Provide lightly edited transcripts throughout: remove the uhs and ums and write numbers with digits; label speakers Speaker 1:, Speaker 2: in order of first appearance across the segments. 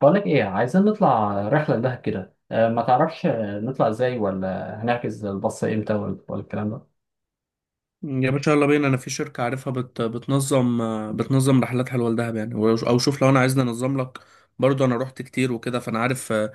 Speaker 1: بقولك ايه عايزين نطلع رحلة لدهب كده ما تعرفش، نطلع ازاي ولا هنحجز الباص امتى ولا الكلام ده.
Speaker 2: يا باشا يلا بينا، انا في شركة عارفها بتنظم. رحلات حلوة لدهب، يعني او شوف، لو انا عايزني انظم لك. برضو انا رحت كتير وكده، فانا عارف،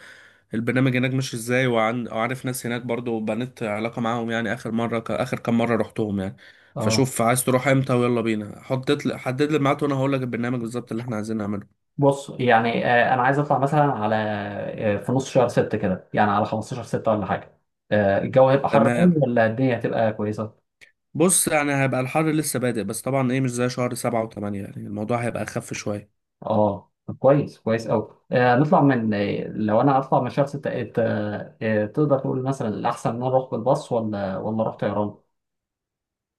Speaker 2: البرنامج هناك ماشي ازاي. وعارف ناس هناك برضو، بنيت علاقة معاهم، يعني اخر مرة اخر كام مرة رحتهم يعني.
Speaker 1: اه،
Speaker 2: فشوف عايز تروح امتى ويلا بينا، حطيت لي حدد لي ميعاد وانا هقول لك البرنامج بالظبط اللي احنا عايزين نعمله.
Speaker 1: بص يعني انا عايز اطلع مثلا على آه، في نص شهر ستة كده، يعني على 15 ستة ولا حاجة. الجو هيبقى حر قوي
Speaker 2: تمام.
Speaker 1: ولا الدنيا هتبقى كويسة؟
Speaker 2: بص يعني هيبقى الحر لسه بادئ، بس طبعا ايه، مش زي شهر سبعة وثمانية، يعني الموضوع هيبقى اخف شوية.
Speaker 1: اه، طب كويس، كويس قوي. نطلع من آه، لو انا هطلع من شهر ستة، تقدر تقول مثلا الاحسن ان انا اروح بالباص ولا اروح طيران؟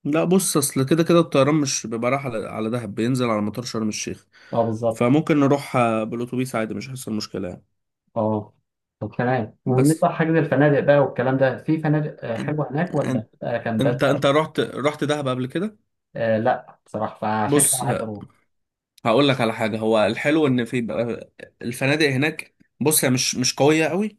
Speaker 2: لا بص، اصل كده كده الطيران مش بيبقى رايح على دهب، بينزل على مطار شرم الشيخ.
Speaker 1: اه، بالظبط.
Speaker 2: فممكن نروح بالاتوبيس عادي، مش هيحصل مشكله يعني.
Speaker 1: اه، طب تمام.
Speaker 2: بس
Speaker 1: وبالنسبة لحجز الفنادق بقى والكلام ده، في فنادق
Speaker 2: أن-
Speaker 1: حلوة هناك ولا
Speaker 2: أن-
Speaker 1: بتبقى كامبات
Speaker 2: انت
Speaker 1: بقى؟
Speaker 2: رحت دهب قبل كده؟
Speaker 1: آه، لا بصراحة، فعشان كده
Speaker 2: بص
Speaker 1: أنا عايز أروح.
Speaker 2: هقول لك على حاجه، هو الحلو ان الفنادق هناك، بص هي مش قويه قوي،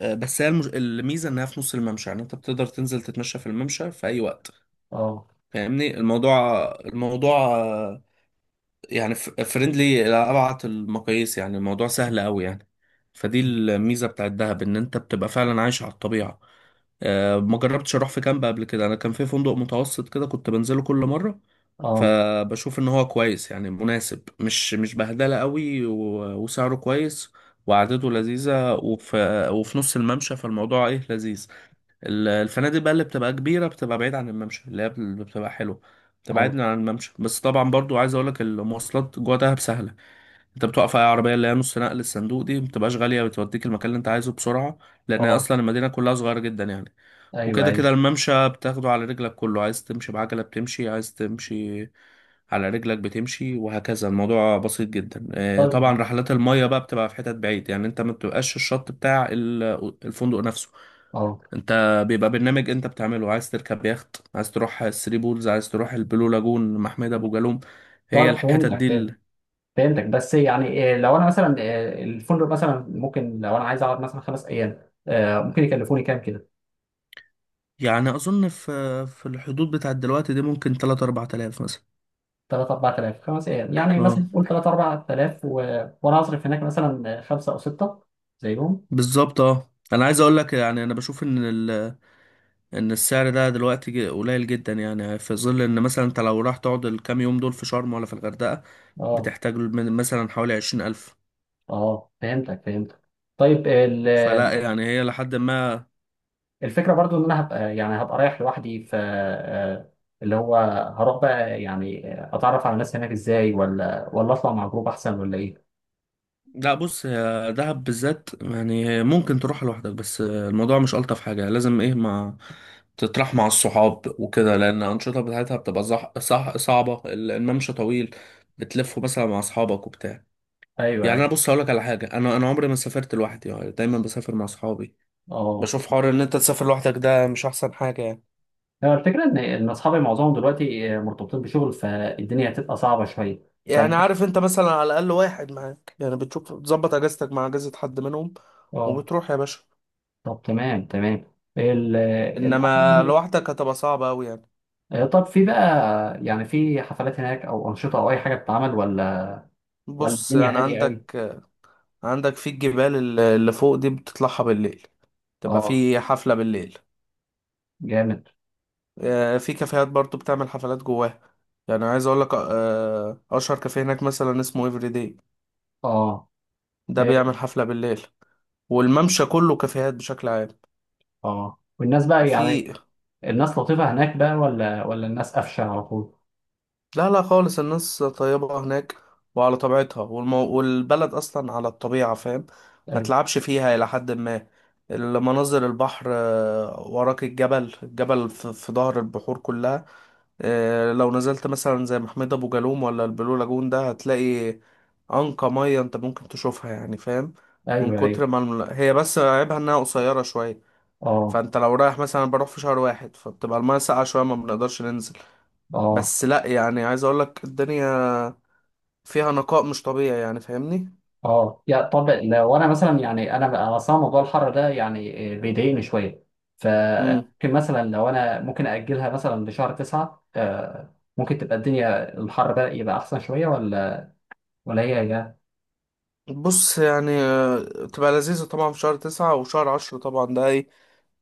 Speaker 2: بس هي الميزه انها في نص الممشى، يعني انت بتقدر تنزل تتمشى في الممشى في اي وقت.
Speaker 1: اه.
Speaker 2: فاهمني الموضوع يعني فريندلي لأبعد المقاييس، يعني الموضوع سهل قوي يعني. فدي الميزة بتاعت دهب، ان انت بتبقى فعلا عايش على الطبيعة. ما جربتش اروح في كامب قبل كده، انا كان في فندق متوسط كده كنت بنزله كل مرة.
Speaker 1: اه.
Speaker 2: فبشوف ان هو كويس يعني، مناسب، مش بهدلة قوي، وسعره كويس وقعدته لذيذة، وفي نص الممشى، فالموضوع ايه لذيذ. الفنادق بقى اللي بتبقى كبيرة بتبقى بعيد عن الممشى، اللي هي بتبقى حلوة بتبقى
Speaker 1: اه.
Speaker 2: بعيد عن الممشى. بس طبعا برضو عايز اقولك، المواصلات جوه دهب سهلة. انت بتوقف اي عربية، اللي هي نص نقل الصندوق دي، مبتبقاش غالية، بتوديك المكان اللي انت عايزه بسرعة. لان هي
Speaker 1: اه.
Speaker 2: اصلا المدينة كلها صغيرة جدا يعني.
Speaker 1: ايوه،
Speaker 2: وكده
Speaker 1: ايوه.
Speaker 2: كده الممشى بتاخده على رجلك، كله عايز تمشي بعجلة بتمشي، عايز تمشي على رجلك بتمشي، وهكذا. الموضوع بسيط جدا.
Speaker 1: طيب.
Speaker 2: طبعا رحلات المية بقى بتبقى في حتت بعيد، يعني انت ما بتبقاش الشط بتاع الفندق نفسه.
Speaker 1: اه.
Speaker 2: انت بيبقى برنامج انت بتعمله، عايز تركب يخت، عايز تروح الثري بولز، عايز تروح البلو لاجون، محمية ابو جالوم، هي
Speaker 1: طيب،
Speaker 2: الحتت دي
Speaker 1: فهمتك. بس يعني لو انا مثلا، الفندق مثلا ممكن لو انا عايز اقعد مثلا خمس ايام، ممكن يكلفوني كام كده؟
Speaker 2: يعني. اظن في الحدود بتاعت دلوقتي دي ممكن 3 4,000 مثلا.
Speaker 1: 3 4000 خمس ايام، يعني
Speaker 2: اه
Speaker 1: مثلا قول 3 4000 وانا هصرف هناك مثلا خمسه او سته زيهم.
Speaker 2: بالظبط، اه انا عايز اقول لك يعني، انا بشوف ان ان السعر ده دلوقتي قليل جدا يعني، في ظل ان مثلا انت لو راح تقعد الكام يوم دول في شرم ولا في الغردقة،
Speaker 1: اه،
Speaker 2: بتحتاج من مثلا حوالي 20,000.
Speaker 1: اه، فهمتك، فهمتك. طيب،
Speaker 2: فلا يعني هي لحد ما.
Speaker 1: الفكره برضو ان انا هبقى، يعني هبقى رايح لوحدي، ف، اللي هو هروح بقى يعني، اتعرف على الناس هناك ازاي ولا اطلع مع جروب احسن ولا ايه؟
Speaker 2: لا بص، هي دهب بالذات يعني ممكن تروح لوحدك، بس الموضوع مش ألطف حاجة، لازم ايه ما تطرح مع الصحاب وكده، لأن الأنشطة بتاعتها بتبقى صح صعبة. الممشى طويل، بتلفه مثلا مع أصحابك وبتاع.
Speaker 1: ايوه،
Speaker 2: يعني
Speaker 1: ايوه.
Speaker 2: أنا بص هقولك على حاجة، أنا عمري ما سافرت لوحدي، يعني دايما بسافر مع أصحابي.
Speaker 1: اه،
Speaker 2: بشوف حوار إن أنت تسافر لوحدك ده مش أحسن حاجة يعني.
Speaker 1: هو الفكره ان اصحابي معظمهم دلوقتي مرتبطين بشغل، فالدنيا هتبقى صعبه شويه. ف.
Speaker 2: يعني عارف أنت، مثلا على الأقل واحد معاك، يعني بتشوف بتظبط أجازتك مع أجازة حد منهم
Speaker 1: اه،
Speaker 2: وبتروح يا باشا.
Speaker 1: طب تمام، تمام.
Speaker 2: إنما لوحدك هتبقى صعبة أوي يعني.
Speaker 1: طب في بقى، يعني في حفلات هناك او انشطه او اي حاجه بتتعمل، ولا ولا
Speaker 2: بص
Speaker 1: الدنيا
Speaker 2: يعني
Speaker 1: هاديه قوي؟
Speaker 2: عندك في الجبال اللي فوق دي، بتطلعها بالليل، تبقى
Speaker 1: اه،
Speaker 2: في حفلة بالليل.
Speaker 1: جامد.
Speaker 2: في كافيهات برضو بتعمل حفلات جواها. يعني عايز اقول لك، اشهر كافيه هناك مثلا اسمه ايفري داي،
Speaker 1: اه،
Speaker 2: ده
Speaker 1: إيه.
Speaker 2: بيعمل حفلة بالليل. والممشى كله كافيهات بشكل عام.
Speaker 1: اه، والناس بقى يعني،
Speaker 2: في.
Speaker 1: الناس لطيفة هناك بقى ولا الناس قفشة على طول؟
Speaker 2: لا لا خالص، الناس طيبة هناك وعلى طبيعتها. والبلد أصلا على الطبيعة، فاهم، ما
Speaker 1: ايوه،
Speaker 2: تلعبش فيها إلى حد ما. المناظر، البحر، وراك الجبل، الجبل في ظهر البحور كلها. لو نزلت مثلا زي محمد أبو جالوم ولا البلو لاجون ده، هتلاقي أنقى مية أنت ممكن تشوفها يعني، فاهم، من
Speaker 1: ايوه. ايوه.
Speaker 2: كتر ما هي بس عيبها إنها قصيرة شوية.
Speaker 1: اه،
Speaker 2: فأنت لو رايح مثلا، بروح في شهر واحد فبتبقى المية ساقعة شوية، ما بنقدرش ننزل.
Speaker 1: اه،
Speaker 2: بس لا يعني، عايز اقول لك الدنيا فيها نقاء مش طبيعي يعني، فاهمني.
Speaker 1: اه. يا طب لو انا مثلا، يعني انا اصلا موضوع الحر ده يعني بيضايقني شوية،
Speaker 2: امم
Speaker 1: فممكن مثلا لو انا ممكن اجلها مثلا لشهر تسعة، ممكن تبقى الدنيا، الحر بقى يبقى احسن شوية، ولا ولا هي هي؟
Speaker 2: بص يعني تبقى لذيذة طبعا في شهر تسعة وشهر عشرة، طبعا ده ايه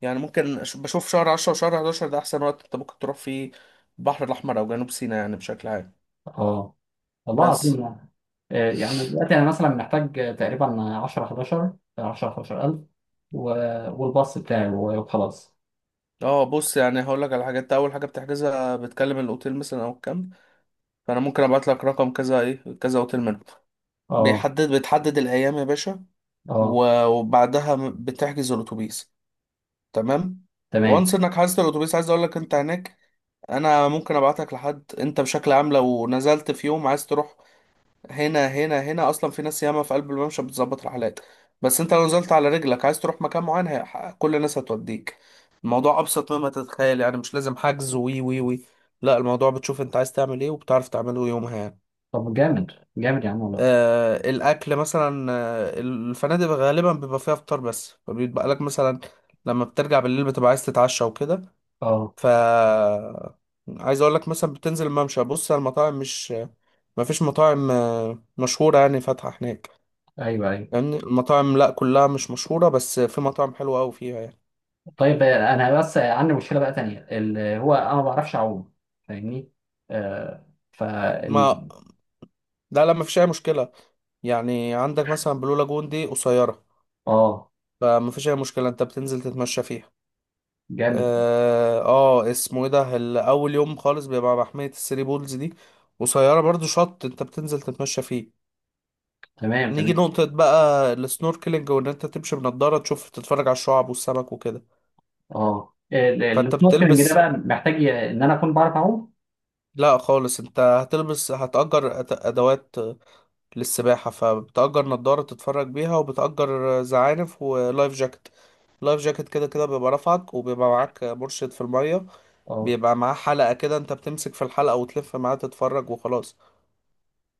Speaker 2: يعني، ممكن بشوف شهر عشرة وشهر حداشر، ده احسن وقت انت ممكن تروح فيه البحر الاحمر او جنوب سيناء يعني بشكل عام.
Speaker 1: اه، والله
Speaker 2: بس.
Speaker 1: العظيم يعني. يعني دلوقتي انا مثلا محتاج تقريبا 10 11، 10 11000 و... والباص بتاعي وخلاص.
Speaker 2: اه بص يعني هقول لك على حاجات، انت اول حاجه بتحجزها بتكلم الاوتيل مثلا او الكامب. فانا ممكن ابعت لك رقم كذا ايه كذا اوتيل منهم،
Speaker 1: اه،
Speaker 2: بيحدد بتحدد الايام يا باشا.
Speaker 1: اه،
Speaker 2: وبعدها بتحجز الاتوبيس. تمام.
Speaker 1: تمام.
Speaker 2: وانس انك حاسس الاتوبيس، عايز اقول لك انت هناك، انا ممكن ابعتك لحد. انت بشكل عام لو نزلت في يوم عايز تروح، هنا اصلا في ناس ياما في قلب الممشى بتظبط رحلات. بس انت لو نزلت على رجلك عايز تروح مكان معين، كل الناس هتوديك. الموضوع ابسط مما تتخيل يعني، مش لازم حجز وي. لا الموضوع بتشوف انت عايز تعمل ايه وبتعرف تعمله يومها يعني.
Speaker 1: طب جامد، جامد يا عم والله.
Speaker 2: آه الاكل مثلا، الفنادق غالبا بيبقى فيها فطار بس، فبيبقى لك مثلا لما بترجع بالليل بتبقى عايز تتعشى وكده.
Speaker 1: اه،
Speaker 2: ف عايز اقول لك، مثلا بتنزل الممشى بص على المطاعم، مش ما فيش مطاعم مشهورة يعني فاتحة هناك.
Speaker 1: ايوه، ايوه.
Speaker 2: يعني المطاعم لا كلها مش مشهورة، بس في مطاعم حلوة أوي فيها يعني.
Speaker 1: طيب انا بس عندي مشكله بقى تانية، اللي هو انا ما بعرفش اعوم، فاهمني. آه. ف
Speaker 2: ما
Speaker 1: ال-
Speaker 2: لا لا، ما فيش أي مشكلة. يعني عندك مثلا بلو لاجون دي قصيرة،
Speaker 1: اه،
Speaker 2: فما فيش أي مشكلة، أنت بتنزل تتمشى فيها.
Speaker 1: جامد،
Speaker 2: اسمه إيه ده، أول يوم خالص بيبقى محمية الثري بولز دي، قصيرة برضو، شط أنت بتنزل تتمشى فيه.
Speaker 1: تمام،
Speaker 2: نيجي
Speaker 1: تمام.
Speaker 2: نقطة بقى السنوركلينج، وان انت تمشي بنضارة تشوف تتفرج على الشعاب والسمك وكده.
Speaker 1: اه،
Speaker 2: فانت
Speaker 1: السنوركلينج ده
Speaker 2: بتلبس.
Speaker 1: بقى محتاج ان انا اكون بعرف اعوم؟
Speaker 2: لا خالص، انت هتلبس هتأجر ادوات للسباحة، فبتأجر نضارة تتفرج بيها، وبتأجر زعانف ولايف جاكيت. لايف جاكيت كده كده بيبقى رافعك، وبيبقى معاك مرشد في المية،
Speaker 1: اه،
Speaker 2: بيبقى معاه حلقة كده، انت بتمسك في الحلقة وتلف معاه تتفرج وخلاص.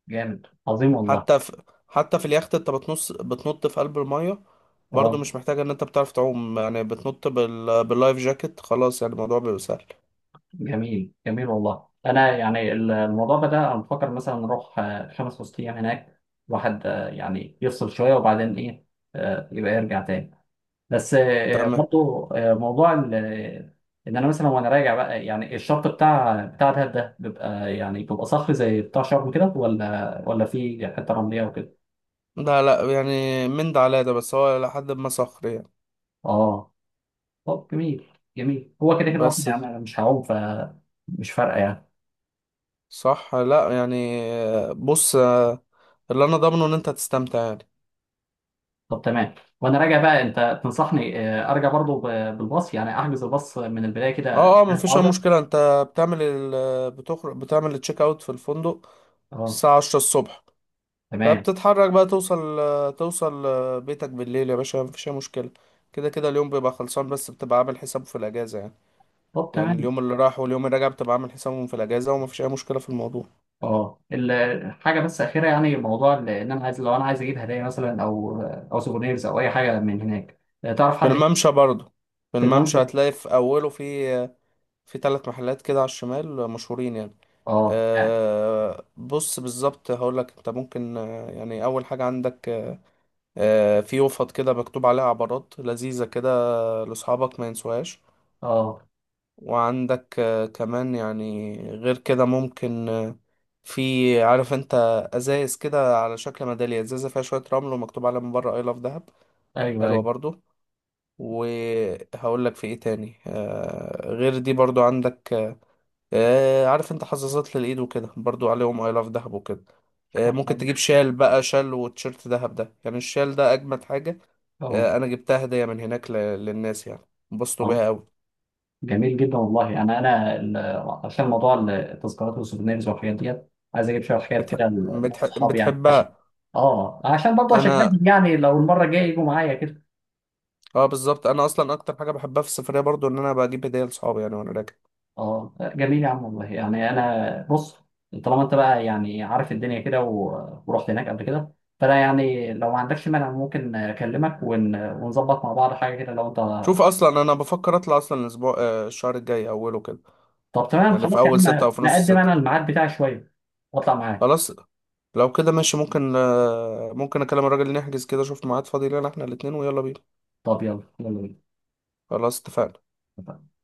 Speaker 1: جامد، عظيم والله.
Speaker 2: حتى في حتى في اليخت، انت بتنط في قلب المية، برضو
Speaker 1: اه،
Speaker 2: مش محتاج ان انت بتعرف تعوم يعني، بتنط باللايف جاكيت خلاص، يعني الموضوع بيبقى سهل.
Speaker 1: جميل، جميل والله. انا يعني الموضوع بدأ، انا بفكر مثلا نروح خمس وست ايام هناك، واحد يعني يفصل شويه، وبعدين ايه، يبقى يرجع تاني. بس
Speaker 2: تمام.
Speaker 1: برضو موضوع ان انا مثلا وانا راجع بقى، يعني الشط بتاع دهب ده بيبقى، يعني بيبقى صخري زي بتاع شرم كده، ولا في حته رمليه وكده؟
Speaker 2: لا لا يعني من ده على ده، بس هو لحد ما صخر يعني.
Speaker 1: اه، طب جميل، جميل. هو كده كده اصلا،
Speaker 2: بس.
Speaker 1: يعني انا مش هعوم، فمش فارقه يعني.
Speaker 2: صح لا يعني، بص، اللي انا ضامنه ان انت هتستمتع يعني.
Speaker 1: طب تمام. وانا راجع بقى انت تنصحني ارجع برضو بالباص، يعني احجز الباص من البدايه كده؟
Speaker 2: اه مفيش اي
Speaker 1: عوده.
Speaker 2: مشكلة. انت بتعمل بتخرج بتعمل التشيك اوت في الفندق
Speaker 1: اه،
Speaker 2: الساعة 10 الصبح.
Speaker 1: تمام.
Speaker 2: فبتتحرك بقى، توصل بيتك بالليل يا باشا، مفيش أي مشكلة. كده كده اليوم بيبقى خلصان، بس بتبقى عامل حسابه في الأجازة يعني.
Speaker 1: طب
Speaker 2: يعني
Speaker 1: تمام.
Speaker 2: اليوم اللي راح واليوم اللي راجع بتبقى عامل حسابهم في الأجازة، ومفيش أي مشكلة في الموضوع.
Speaker 1: اه، الحاجه بس اخيره، يعني موضوع ان انا عايز، لو انا عايز اجيب هدايا مثلا، او او سوفونيرز او اي حاجه من هناك، تعرف
Speaker 2: في
Speaker 1: حد؟
Speaker 2: الممشى برضه. في
Speaker 1: في
Speaker 2: الممشى
Speaker 1: الممشى.
Speaker 2: هتلاقي في أوله في ثلاث محلات كده على الشمال مشهورين يعني.
Speaker 1: اه، يعني.
Speaker 2: أه بص بالظبط هقولك، انت ممكن يعني أول حاجة عندك، في يوفط كده مكتوب عليها عبارات لذيذة كده لأصحابك ما ينسوهاش.
Speaker 1: اه،
Speaker 2: وعندك كمان يعني غير كده ممكن، في عارف انت ازايز كده على شكل ميدالية، ازازة فيها شوية رمل ومكتوب عليها من بره اي لاف دهب،
Speaker 1: ايوه،
Speaker 2: حلوة
Speaker 1: ايوه.
Speaker 2: برضو. وهقول لك في ايه تاني، غير دي برضو عندك، عارف انت حظاظات للايد وكده، برضو عليهم اي لاف دهب وكده. ممكن تجيب شال بقى، شال وتيشيرت دهب ده، يعني الشال ده اجمد حاجة.
Speaker 1: اه.
Speaker 2: انا جبتها هدية من هناك للناس يعني، انبسطوا
Speaker 1: آه.
Speaker 2: بيها قوي.
Speaker 1: جميل جدا والله. انا عشان موضوع التذكارات والسوفينيرز والحاجات ديت، عايز اجيب شويه حاجات كده لناس صحابي، يعني عشان.
Speaker 2: بتحبها.
Speaker 1: اه، عشان برضه اشجعهم،
Speaker 2: انا
Speaker 1: يعني لو المره الجايه يجوا معايا كده.
Speaker 2: اه بالظبط، انا اصلا اكتر حاجه بحبها في السفريه برضو ان انا بجيب هديه لصحابي يعني وانا راجع.
Speaker 1: اه، جميل يا عم والله. يعني انا بص، طالما انت بقى يعني عارف الدنيا كده، ورحت هناك قبل كده، فانا يعني لو ما عندكش مانع، ممكن اكلمك ونظبط مع بعض حاجه كده لو انت.
Speaker 2: شوف اصلا انا بفكر اطلع اصلا الاسبوع، الشهر الجاي اوله كده،
Speaker 1: طب تمام،
Speaker 2: يعني في
Speaker 1: خلاص يا
Speaker 2: اول ستة
Speaker 1: عم،
Speaker 2: او في نص
Speaker 1: نقدم
Speaker 2: ستة.
Speaker 1: انا الميعاد بتاعي شويه واطلع معاك.
Speaker 2: خلاص لو كده ماشي، ممكن ممكن اكلم الراجل نحجز كده، اشوف ميعاد فاضي لنا احنا الاتنين ويلا بينا.
Speaker 1: طب يلا، يلا
Speaker 2: خلاص اتفقنا.
Speaker 1: بينا.